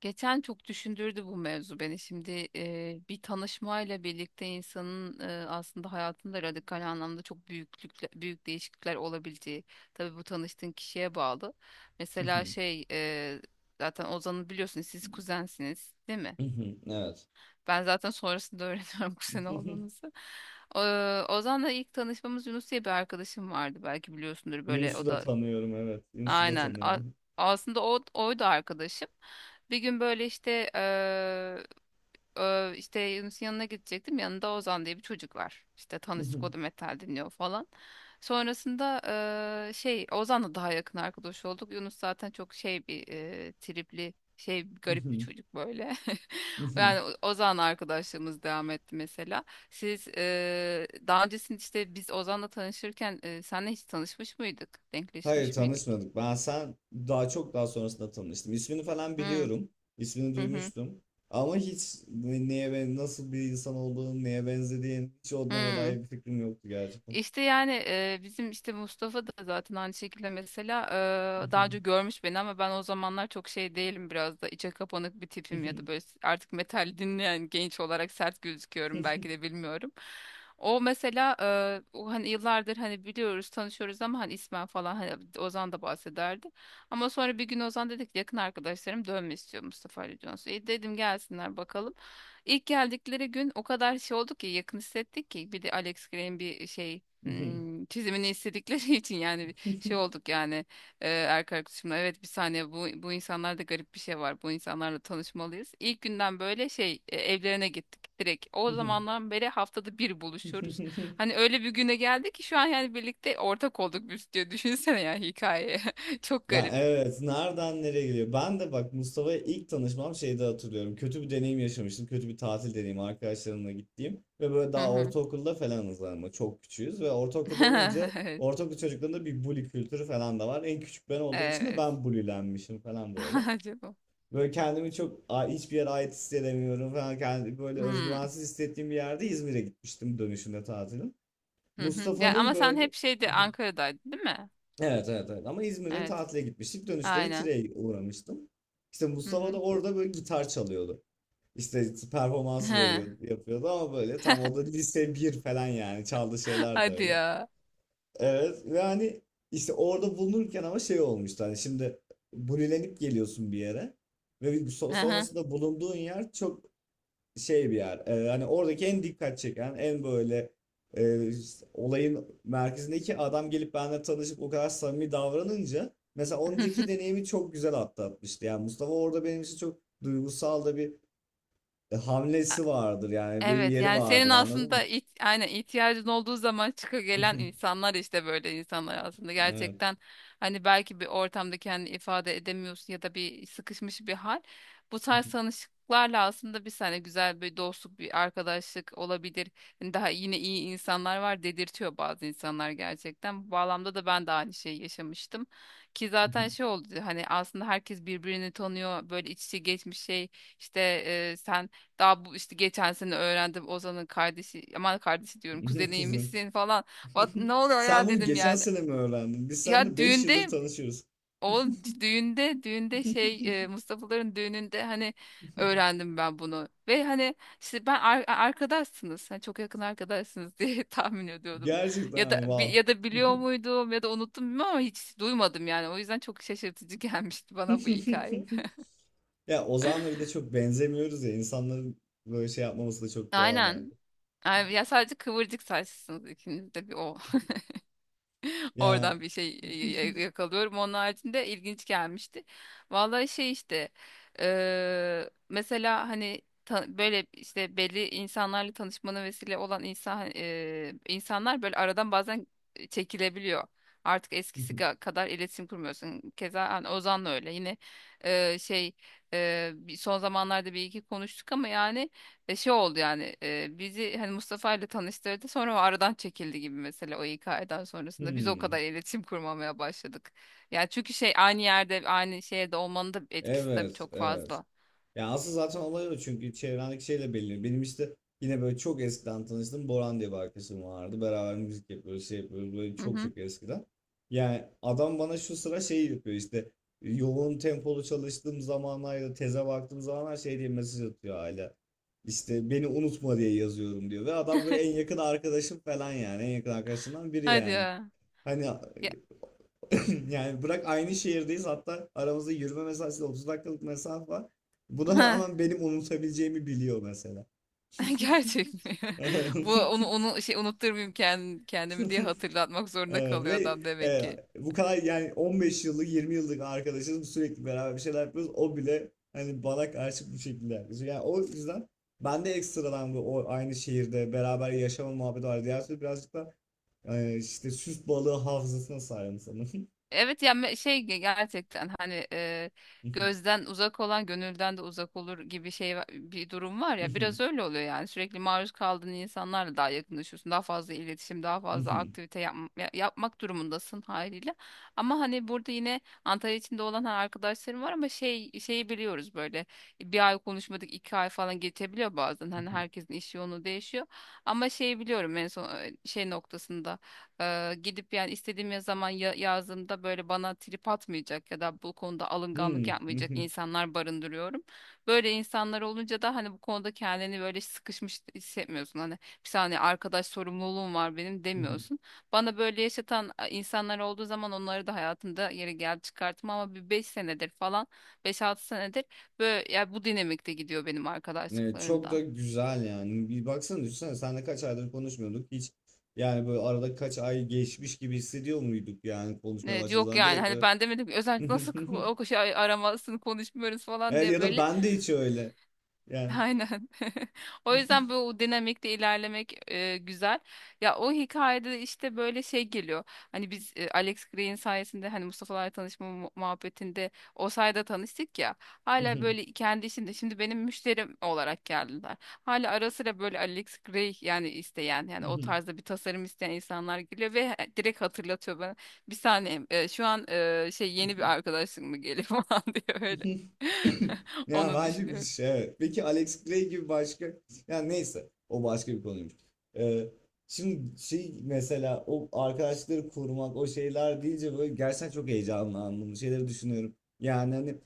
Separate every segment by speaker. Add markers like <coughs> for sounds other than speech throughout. Speaker 1: Geçen çok düşündürdü bu mevzu beni. Şimdi bir tanışmayla birlikte insanın aslında hayatında radikal anlamda çok büyük değişiklikler olabileceği. Tabii bu tanıştığın kişiye bağlı.
Speaker 2: Hı
Speaker 1: Mesela
Speaker 2: hı.
Speaker 1: zaten Ozan'ı biliyorsunuz, siz kuzensiniz değil mi?
Speaker 2: Hı hı. Evet.
Speaker 1: Ben zaten sonrasında öğreniyorum <laughs> kuzen
Speaker 2: <laughs>
Speaker 1: olduğunuzu. O, Ozan'la ilk tanışmamız, Yunus diye bir arkadaşım vardı. Belki biliyorsundur, böyle
Speaker 2: Yunus'u
Speaker 1: o
Speaker 2: da
Speaker 1: da
Speaker 2: tanıyorum, evet. Yunus'u da
Speaker 1: aynen.
Speaker 2: tanıyorum.
Speaker 1: Aslında oydu arkadaşım. Bir gün böyle işte işte Yunus'un yanına gidecektim. Yanında Ozan diye bir çocuk var. İşte
Speaker 2: Hı
Speaker 1: tanıştık,
Speaker 2: hı.
Speaker 1: o da metal dinliyor falan. Sonrasında Ozan'la daha yakın arkadaş olduk. Yunus zaten çok şey bir tripli şey,
Speaker 2: Hı
Speaker 1: garip bir
Speaker 2: hı.
Speaker 1: çocuk böyle.
Speaker 2: Hı
Speaker 1: <laughs>
Speaker 2: hı.
Speaker 1: Yani Ozan'la arkadaşlığımız devam etti mesela. Siz daha öncesinde, işte biz Ozan'la tanışırken senle hiç tanışmış mıydık?
Speaker 2: Hayır,
Speaker 1: Denkleşmiş miydik?
Speaker 2: tanışmadık. Ben sen daha çok daha sonrasında tanıştım. İsmini falan
Speaker 1: Hmm.
Speaker 2: biliyorum. İsmini
Speaker 1: Hı hı.
Speaker 2: duymuştum. Ama hiç neye ben nasıl bir insan olduğunu, neye benzediğin, hiç onlara
Speaker 1: Hı.
Speaker 2: dair bir fikrim yoktu gerçekten.
Speaker 1: İşte yani bizim işte Mustafa da zaten aynı şekilde mesela
Speaker 2: Hı
Speaker 1: daha
Speaker 2: hı.
Speaker 1: önce görmüş beni, ama ben o zamanlar çok şey değilim, biraz da içe kapanık bir
Speaker 2: Hı
Speaker 1: tipim ya da
Speaker 2: hı.
Speaker 1: böyle artık metal dinleyen genç olarak sert gözüküyorum belki de, bilmiyorum. O mesela o hani yıllardır hani biliyoruz, tanışıyoruz ama hani ismen falan hani Ozan da bahsederdi. Ama sonra bir gün Ozan dedik, yakın arkadaşlarım dönme istiyor, Mustafa Ali Jones. Dedim gelsinler bakalım. İlk geldikleri gün o kadar şey oldu ki, yakın hissettik ki, bir de Alex Gray'in bir şey,
Speaker 2: Hı hı.
Speaker 1: hmm, çizimini istedikleri <laughs> için yani bir
Speaker 2: Hı
Speaker 1: şey
Speaker 2: hı.
Speaker 1: olduk yani. Erkek arkadaşımla, evet, bir saniye, bu bu insanlarda garip bir şey var, bu insanlarla tanışmalıyız. İlk günden böyle evlerine gittik direkt, o
Speaker 2: Hı hı.
Speaker 1: zamandan beri haftada bir
Speaker 2: Hı hı.
Speaker 1: buluşuyoruz.
Speaker 2: Hı hı.
Speaker 1: Hani öyle bir güne geldik ki, şu an yani birlikte ortak olduk biz, diyor düşünsene ya, hikaye <laughs> çok
Speaker 2: Ya
Speaker 1: garip.
Speaker 2: evet, nereden nereye geliyor? Ben de bak, Mustafa'ya ilk tanışmam şeyde hatırlıyorum. Kötü bir deneyim yaşamıştım. Kötü bir tatil deneyimi, arkadaşlarımla gittiğim. Ve böyle
Speaker 1: Hı
Speaker 2: daha
Speaker 1: hı.
Speaker 2: ortaokulda falanız ama çok küçüğüz. Ve ortaokulda olunca
Speaker 1: <laughs>
Speaker 2: ortaokul çocuklarında bir bully kültürü falan da var. En küçük ben olduğum için de
Speaker 1: Evet.
Speaker 2: ben bullylenmişim falan böyle.
Speaker 1: <laughs> Acaba.
Speaker 2: Böyle kendimi çok hiçbir yere ait hissedemiyorum falan. Kendimi böyle
Speaker 1: Hmm.
Speaker 2: özgüvensiz hissettiğim bir yerde İzmir'e gitmiştim, dönüşünde tatilin.
Speaker 1: Hı hı. Ya
Speaker 2: Mustafa'nın
Speaker 1: ama sen
Speaker 2: böyle…
Speaker 1: hep şeydi,
Speaker 2: <laughs>
Speaker 1: Ankara'daydın değil mi?
Speaker 2: Evet, evet, evet, ama İzmir'e
Speaker 1: Evet.
Speaker 2: tatile gitmiştik. Dönüşte de
Speaker 1: Aynen.
Speaker 2: Tire'ye uğramıştım. İşte
Speaker 1: Hı
Speaker 2: Mustafa
Speaker 1: hı.
Speaker 2: da orada böyle gitar çalıyordu. İşte performans veriyordu,
Speaker 1: <laughs>
Speaker 2: yapıyordu ama böyle tam o da lise 1 falan, yani çaldığı şeyler de
Speaker 1: Hadi
Speaker 2: öyle.
Speaker 1: ya.
Speaker 2: Evet ve hani işte orada bulunurken ama şey olmuştu, hani şimdi bulilenip geliyorsun bir yere ve bir
Speaker 1: Aha.
Speaker 2: sonrasında bulunduğun yer çok şey bir yer. Hani oradaki en dikkat çeken, en böyle e, olayın merkezindeki adam gelip benimle tanışıp o kadar samimi davranınca mesela önceki
Speaker 1: <laughs>
Speaker 2: deneyimi çok güzel atlatmıştı. Yani Mustafa orada benim için çok duygusal da bir hamlesi vardır. Yani benim
Speaker 1: Evet,
Speaker 2: yeri
Speaker 1: yani senin
Speaker 2: vardır, anladın
Speaker 1: aslında
Speaker 2: mı?
Speaker 1: aynen ihtiyacın olduğu zaman çıka gelen
Speaker 2: <laughs>
Speaker 1: insanlar, işte böyle insanlar aslında
Speaker 2: Evet.
Speaker 1: gerçekten, hani belki bir ortamda kendini ifade edemiyorsun ya da bir sıkışmış bir hal. Bu tarz tanışıklarla aslında bir sene güzel bir dostluk, bir arkadaşlık olabilir. Hani daha yine iyi insanlar var dedirtiyor bazı insanlar gerçekten. Bu bağlamda da ben de aynı şeyi yaşamıştım. Ki zaten şey oldu, hani aslında herkes birbirini tanıyor, böyle iç içe geçmiş şey işte, sen daha bu işte geçen sene öğrendim, Ozan'ın kardeşi, aman kardeşi diyorum,
Speaker 2: <laughs> Kuzum.
Speaker 1: kuzeniymişsin falan. Bak ne
Speaker 2: <laughs>
Speaker 1: oluyor
Speaker 2: Sen
Speaker 1: ya,
Speaker 2: bunu
Speaker 1: dedim
Speaker 2: geçen
Speaker 1: yani.
Speaker 2: sene mi öğrendin? Biz
Speaker 1: Ya
Speaker 2: seninle beş yıldır
Speaker 1: düğünde,
Speaker 2: tanışıyoruz.
Speaker 1: o düğünde
Speaker 2: <laughs>
Speaker 1: Mustafa'ların düğününde hani öğrendim ben bunu. Ve hani işte ben arkadaşsınız, hani çok yakın arkadaşsınız <laughs> diye tahmin ediyordum. Ya
Speaker 2: Gerçekten,
Speaker 1: da bi-
Speaker 2: wow.
Speaker 1: ya da biliyor muydum ya da unuttum bilmiyorum ama hiç duymadım yani. O yüzden çok şaşırtıcı <laughs> gelmişti bana bu hikaye.
Speaker 2: <laughs> Ya Ozan'la bir de çok benzemiyoruz ya. İnsanların böyle şey yapmaması da çok doğal bence.
Speaker 1: Aynen. Ay, ya sadece kıvırcık saçlısınız ikiniz de, bir o. <laughs>
Speaker 2: Ya.
Speaker 1: Oradan bir şey
Speaker 2: <laughs>
Speaker 1: yakalıyorum. Onun haricinde ilginç gelmişti. Vallahi şey işte mesela hani böyle işte belli insanlarla tanışmana vesile olan insan, insanlar böyle aradan bazen çekilebiliyor. Artık eskisi kadar iletişim kurmuyorsun. Keza hani Ozan'la öyle. Yine eee, şey son zamanlarda bir iki konuştuk ama yani oldu yani, bizi hani Mustafa ile tanıştırdı, sonra o aradan çekildi gibi mesela, o hikayeden sonrasında biz o kadar
Speaker 2: Hmm.
Speaker 1: iletişim kurmamaya başladık. Yani çünkü şey, aynı yerde, aynı şehirde olmanın da etkisi tabii
Speaker 2: Evet,
Speaker 1: çok
Speaker 2: evet.
Speaker 1: fazla.
Speaker 2: Ya aslında zaten olay o, çünkü çevrendeki şeyle belirli. Benim işte yine böyle çok eskiden tanıştığım Boran diye bir arkadaşım vardı. Beraber müzik yapıyoruz, şey yapıyoruz böyle
Speaker 1: Hı
Speaker 2: çok
Speaker 1: hı.
Speaker 2: çok eskiden. Yani adam bana şu sıra şey yapıyor, işte yoğun tempolu çalıştığım zamanlar ya da teze baktığım zamanlar şey diye mesaj atıyor hala. İşte beni unutma diye yazıyorum diyor. Ve adam böyle en yakın arkadaşım falan, yani en yakın arkadaşından biri
Speaker 1: Hadi
Speaker 2: yani.
Speaker 1: ya.
Speaker 2: Hani…
Speaker 1: Ya-
Speaker 2: <coughs> <laughs> Yani bırak, aynı şehirdeyiz, hatta aramızda yürüme mesafesi 30 dakikalık mesafe var. Buna rağmen benim unutabileceğimi biliyor mesela.
Speaker 1: <laughs> Gerçek mi? <laughs> Bu onu
Speaker 2: <laughs>
Speaker 1: onu şey unutturmayayım kendimi diye hatırlatmak zorunda
Speaker 2: Evet
Speaker 1: kalıyor
Speaker 2: ve
Speaker 1: adam demek
Speaker 2: e,
Speaker 1: ki.
Speaker 2: bu kadar yani 15 yıllık 20 yıllık arkadaşız, sürekli beraber bir şeyler yapıyoruz. O bile hani bana karşı bu şekilde yaklaşıyor. Yani o yüzden ben de ekstradan bu o aynı şehirde beraber yaşama muhabbeti var. Diğer türlü birazcık da işte süs balığı hafızasına sahibim sanırım.
Speaker 1: Evet ya gerçekten hani gözden uzak olan gönülden de uzak olur gibi şey bir durum var ya, biraz öyle oluyor yani, sürekli maruz kaldığın insanlarla daha yakınlaşıyorsun, daha fazla iletişim, daha fazla aktivite yapmak durumundasın haliyle. Ama hani burada yine Antalya içinde olan hani arkadaşlarım var ama şey, şeyi biliyoruz böyle, bir ay konuşmadık, iki ay falan geçebiliyor bazen, hani herkesin iş yoğunluğu değişiyor. Ama şeyi biliyorum, en son şey noktasında gidip yani istediğim zaman yazdığımda böyle bana trip atmayacak ya da bu konuda alınganlık yapmayacak
Speaker 2: <laughs>
Speaker 1: insanlar barındırıyorum. Böyle insanlar olunca da hani bu konuda kendini böyle sıkışmış hissetmiyorsun. Hani bir saniye arkadaş sorumluluğum var benim
Speaker 2: Hı hı.
Speaker 1: demiyorsun. Bana böyle yaşatan insanlar olduğu zaman onları da hayatımda yeri gel çıkarttım ama bir beş senedir falan, beş altı senedir böyle ya, bu dinamikte gidiyor benim
Speaker 2: Evet, çok da
Speaker 1: arkadaşlıklarımda.
Speaker 2: güzel yani. Bir baksana, düşünsene, senle kaç aydır konuşmuyorduk hiç. Yani böyle arada kaç ay geçmiş gibi hissediyor muyduk yani, konuşmaya
Speaker 1: Evet,
Speaker 2: başladığımız
Speaker 1: yok
Speaker 2: zaman
Speaker 1: yani
Speaker 2: direkt
Speaker 1: hani
Speaker 2: böyle.
Speaker 1: ben demedim ki özellikle nasıl
Speaker 2: <laughs>
Speaker 1: o şey aramasını, konuşmuyoruz falan
Speaker 2: Evet,
Speaker 1: diye
Speaker 2: ya da
Speaker 1: böyle.
Speaker 2: ben de hiç öyle. Yani.
Speaker 1: Aynen. <laughs> O yüzden böyle o dinamikte ilerlemek güzel. Ya o hikayede işte böyle şey geliyor, hani biz Alex Gray'in sayesinde hani Mustafa'larla tanışma muhabbetinde o sayede tanıştık ya. Hala böyle kendi işinde şimdi benim müşterim olarak geldiler. Hala ara sıra böyle Alex Gray yani isteyen, yani o tarzda bir tasarım isteyen insanlar geliyor ve direkt hatırlatıyor bana. Bir saniye şu an yeni bir
Speaker 2: <laughs>
Speaker 1: arkadaşın mı geliyor <laughs> falan diyor öyle.
Speaker 2: <laughs>
Speaker 1: <laughs>
Speaker 2: Yani
Speaker 1: Onu
Speaker 2: bence bir
Speaker 1: düşünüyorum.
Speaker 2: şey, evet. Peki Alex Gray gibi başka, yani neyse, o başka bir konuymuş. Ee, Şimdi şey mesela, o arkadaşları korumak o şeyler deyince böyle gerçekten çok heyecanlandım. Bu şeyleri düşünüyorum. Yani hani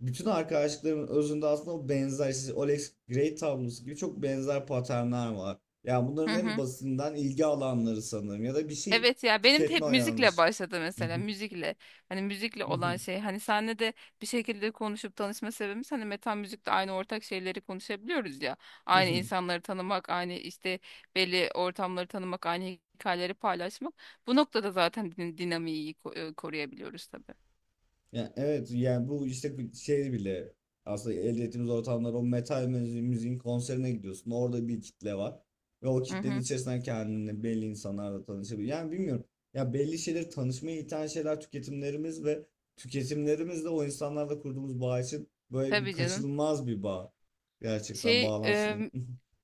Speaker 2: bütün arkadaşlıkların özünde aslında o benzer, işte Alex Gray tablosu gibi çok benzer paternler var. Yani
Speaker 1: Hı
Speaker 2: bunların en
Speaker 1: hı.
Speaker 2: basitinden ilgi alanları sanırım ya da bir şey
Speaker 1: Evet ya benim de hep
Speaker 2: tüketme
Speaker 1: müzikle
Speaker 2: yanlış.
Speaker 1: başladı mesela, müzikle, hani müzikle olan şey, hani senle de bir şekilde konuşup tanışma sebebimiz hani metal müzikte aynı ortak şeyleri konuşabiliyoruz ya, aynı
Speaker 2: <laughs>
Speaker 1: insanları tanımak, aynı işte belli ortamları tanımak, aynı hikayeleri paylaşmak, bu noktada zaten dinamiği iyi koruyabiliyoruz tabii.
Speaker 2: Yani evet, yani bu işte bir şey bile aslında elde ettiğimiz ortamlar, o metal müziğin konserine gidiyorsun. Orada bir kitle var. Ve o
Speaker 1: Hı
Speaker 2: kitlenin
Speaker 1: hı.
Speaker 2: içerisinden kendini belli insanlarla tanışabilir. Yani bilmiyorum. Ya belli şeyler tanışmaya iten şeyler tüketimlerimiz ve tüketimlerimizle o insanlarla kurduğumuz bağ için böyle bir
Speaker 1: Tabii canım
Speaker 2: kaçınılmaz bir bağ. Gerçekten
Speaker 1: şey
Speaker 2: bağlantısını.
Speaker 1: em,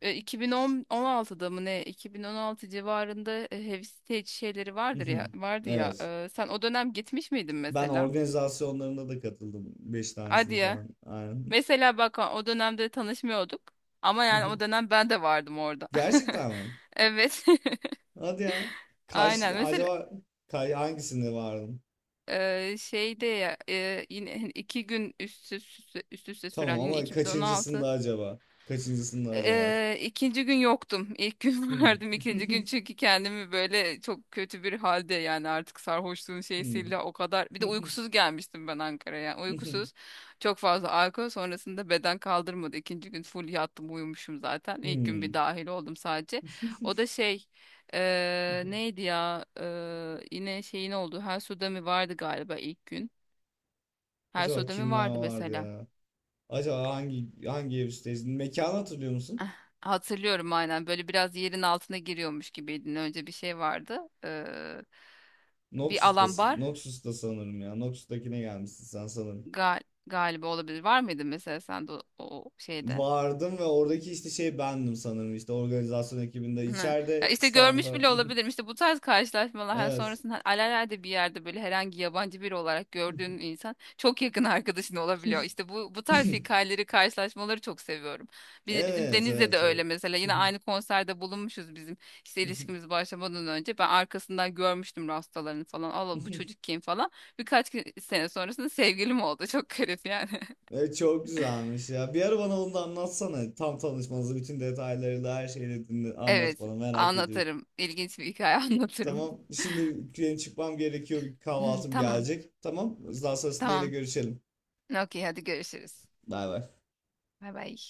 Speaker 1: 2016'da mı ne, 2016 civarında Heavy Stage şeyleri vardır ya,
Speaker 2: <laughs>
Speaker 1: vardı ya.
Speaker 2: Evet.
Speaker 1: E, sen o dönem gitmiş miydin
Speaker 2: Ben
Speaker 1: mesela?
Speaker 2: organizasyonlarında da katıldım. Beş
Speaker 1: Hadi
Speaker 2: tanesini
Speaker 1: ya.
Speaker 2: falan. Aynen.
Speaker 1: Mesela bak, o dönemde tanışmıyorduk. Ama yani o
Speaker 2: <laughs>
Speaker 1: dönem ben de vardım orada. <laughs>
Speaker 2: Gerçekten mi?
Speaker 1: Evet.
Speaker 2: Hadi ya.
Speaker 1: <laughs>
Speaker 2: Kaç,
Speaker 1: Aynen. Mesela
Speaker 2: acaba hangisinde vardın?
Speaker 1: şeyde ya, yine hani iki gün üst üste
Speaker 2: Tamam
Speaker 1: süren, yine
Speaker 2: ama kaçıncısında
Speaker 1: 2016.
Speaker 2: acaba? Kaçıncısında acaba?
Speaker 1: İkinci gün yoktum. İlk gün <laughs>
Speaker 2: Hmm.
Speaker 1: vardım. İkinci gün,
Speaker 2: <laughs>
Speaker 1: çünkü kendimi böyle çok kötü bir halde, yani artık sarhoşluğun
Speaker 2: Hmm.
Speaker 1: şeysiyle o kadar. Bir de
Speaker 2: <laughs>
Speaker 1: uykusuz gelmiştim ben Ankara'ya, yani uykusuz. Çok fazla alkol sonrasında beden kaldırmadı. İkinci gün full yattım, uyumuşum zaten. İlk gün bir
Speaker 2: Hmm.
Speaker 1: dahil oldum sadece. O da
Speaker 2: <laughs>
Speaker 1: şey, neydi ya. Yine şeyin oldu. Her suda mı vardı galiba ilk gün. Her
Speaker 2: Acaba
Speaker 1: suda mı
Speaker 2: kimler
Speaker 1: vardı
Speaker 2: vardı
Speaker 1: mesela.
Speaker 2: ya? Acaba hangi evisteyiz? Mekanı hatırlıyor
Speaker 1: Eh,
Speaker 2: musun?
Speaker 1: Hatırlıyorum, aynen, böyle biraz yerin altına giriyormuş gibiydin. Önce bir şey vardı. Bir alan
Speaker 2: Noxus'tasın.
Speaker 1: bar,
Speaker 2: Noxus'ta sanırım ya. Noxus'takine gelmişsin sen sanırım.
Speaker 1: gal galiba olabilir. Var mıydı mesela sen de o şeyde?
Speaker 2: Vardım ve oradaki işte şey bendim sanırım, işte organizasyon ekibinde
Speaker 1: Hı. Ya
Speaker 2: içeride
Speaker 1: işte
Speaker 2: stand
Speaker 1: görmüş
Speaker 2: falan.
Speaker 1: bile olabilirim.
Speaker 2: <laughs>
Speaker 1: İşte bu tarz karşılaşmalar hani,
Speaker 2: Evet.
Speaker 1: sonrasında hani alelade bir yerde böyle herhangi yabancı biri olarak gördüğün insan çok yakın arkadaşın olabiliyor. İşte bu tarz
Speaker 2: <laughs>
Speaker 1: hikayeleri, karşılaşmaları çok seviyorum. Bizim
Speaker 2: Evet,
Speaker 1: Deniz'le de
Speaker 2: evet,
Speaker 1: öyle
Speaker 2: evet.
Speaker 1: mesela. Yine aynı konserde bulunmuşuz bizim işte ilişkimiz başlamadan önce. Ben arkasından görmüştüm rastalarını falan. Allah bu
Speaker 2: <laughs>
Speaker 1: çocuk kim falan. Birkaç sene sonrasında sevgilim oldu. Çok garip yani. <laughs>
Speaker 2: Evet, çok güzelmiş ya. Bir ara bana onu da anlatsana. Tam tanışmanızı, bütün detaylarıyla her şeyle dinle, anlat
Speaker 1: Evet,
Speaker 2: bana, merak ediyorum.
Speaker 1: anlatırım. İlginç bir hikaye <laughs> anlatırım.
Speaker 2: Tamam. Şimdi benim çıkmam gerekiyor. Bir
Speaker 1: Hı,
Speaker 2: kahvaltım
Speaker 1: tamam,
Speaker 2: gelecek. Tamam. Daha sonrasında yine
Speaker 1: tamam.
Speaker 2: görüşelim.
Speaker 1: Okey, hadi görüşürüz.
Speaker 2: Bay bay.
Speaker 1: Bay bay.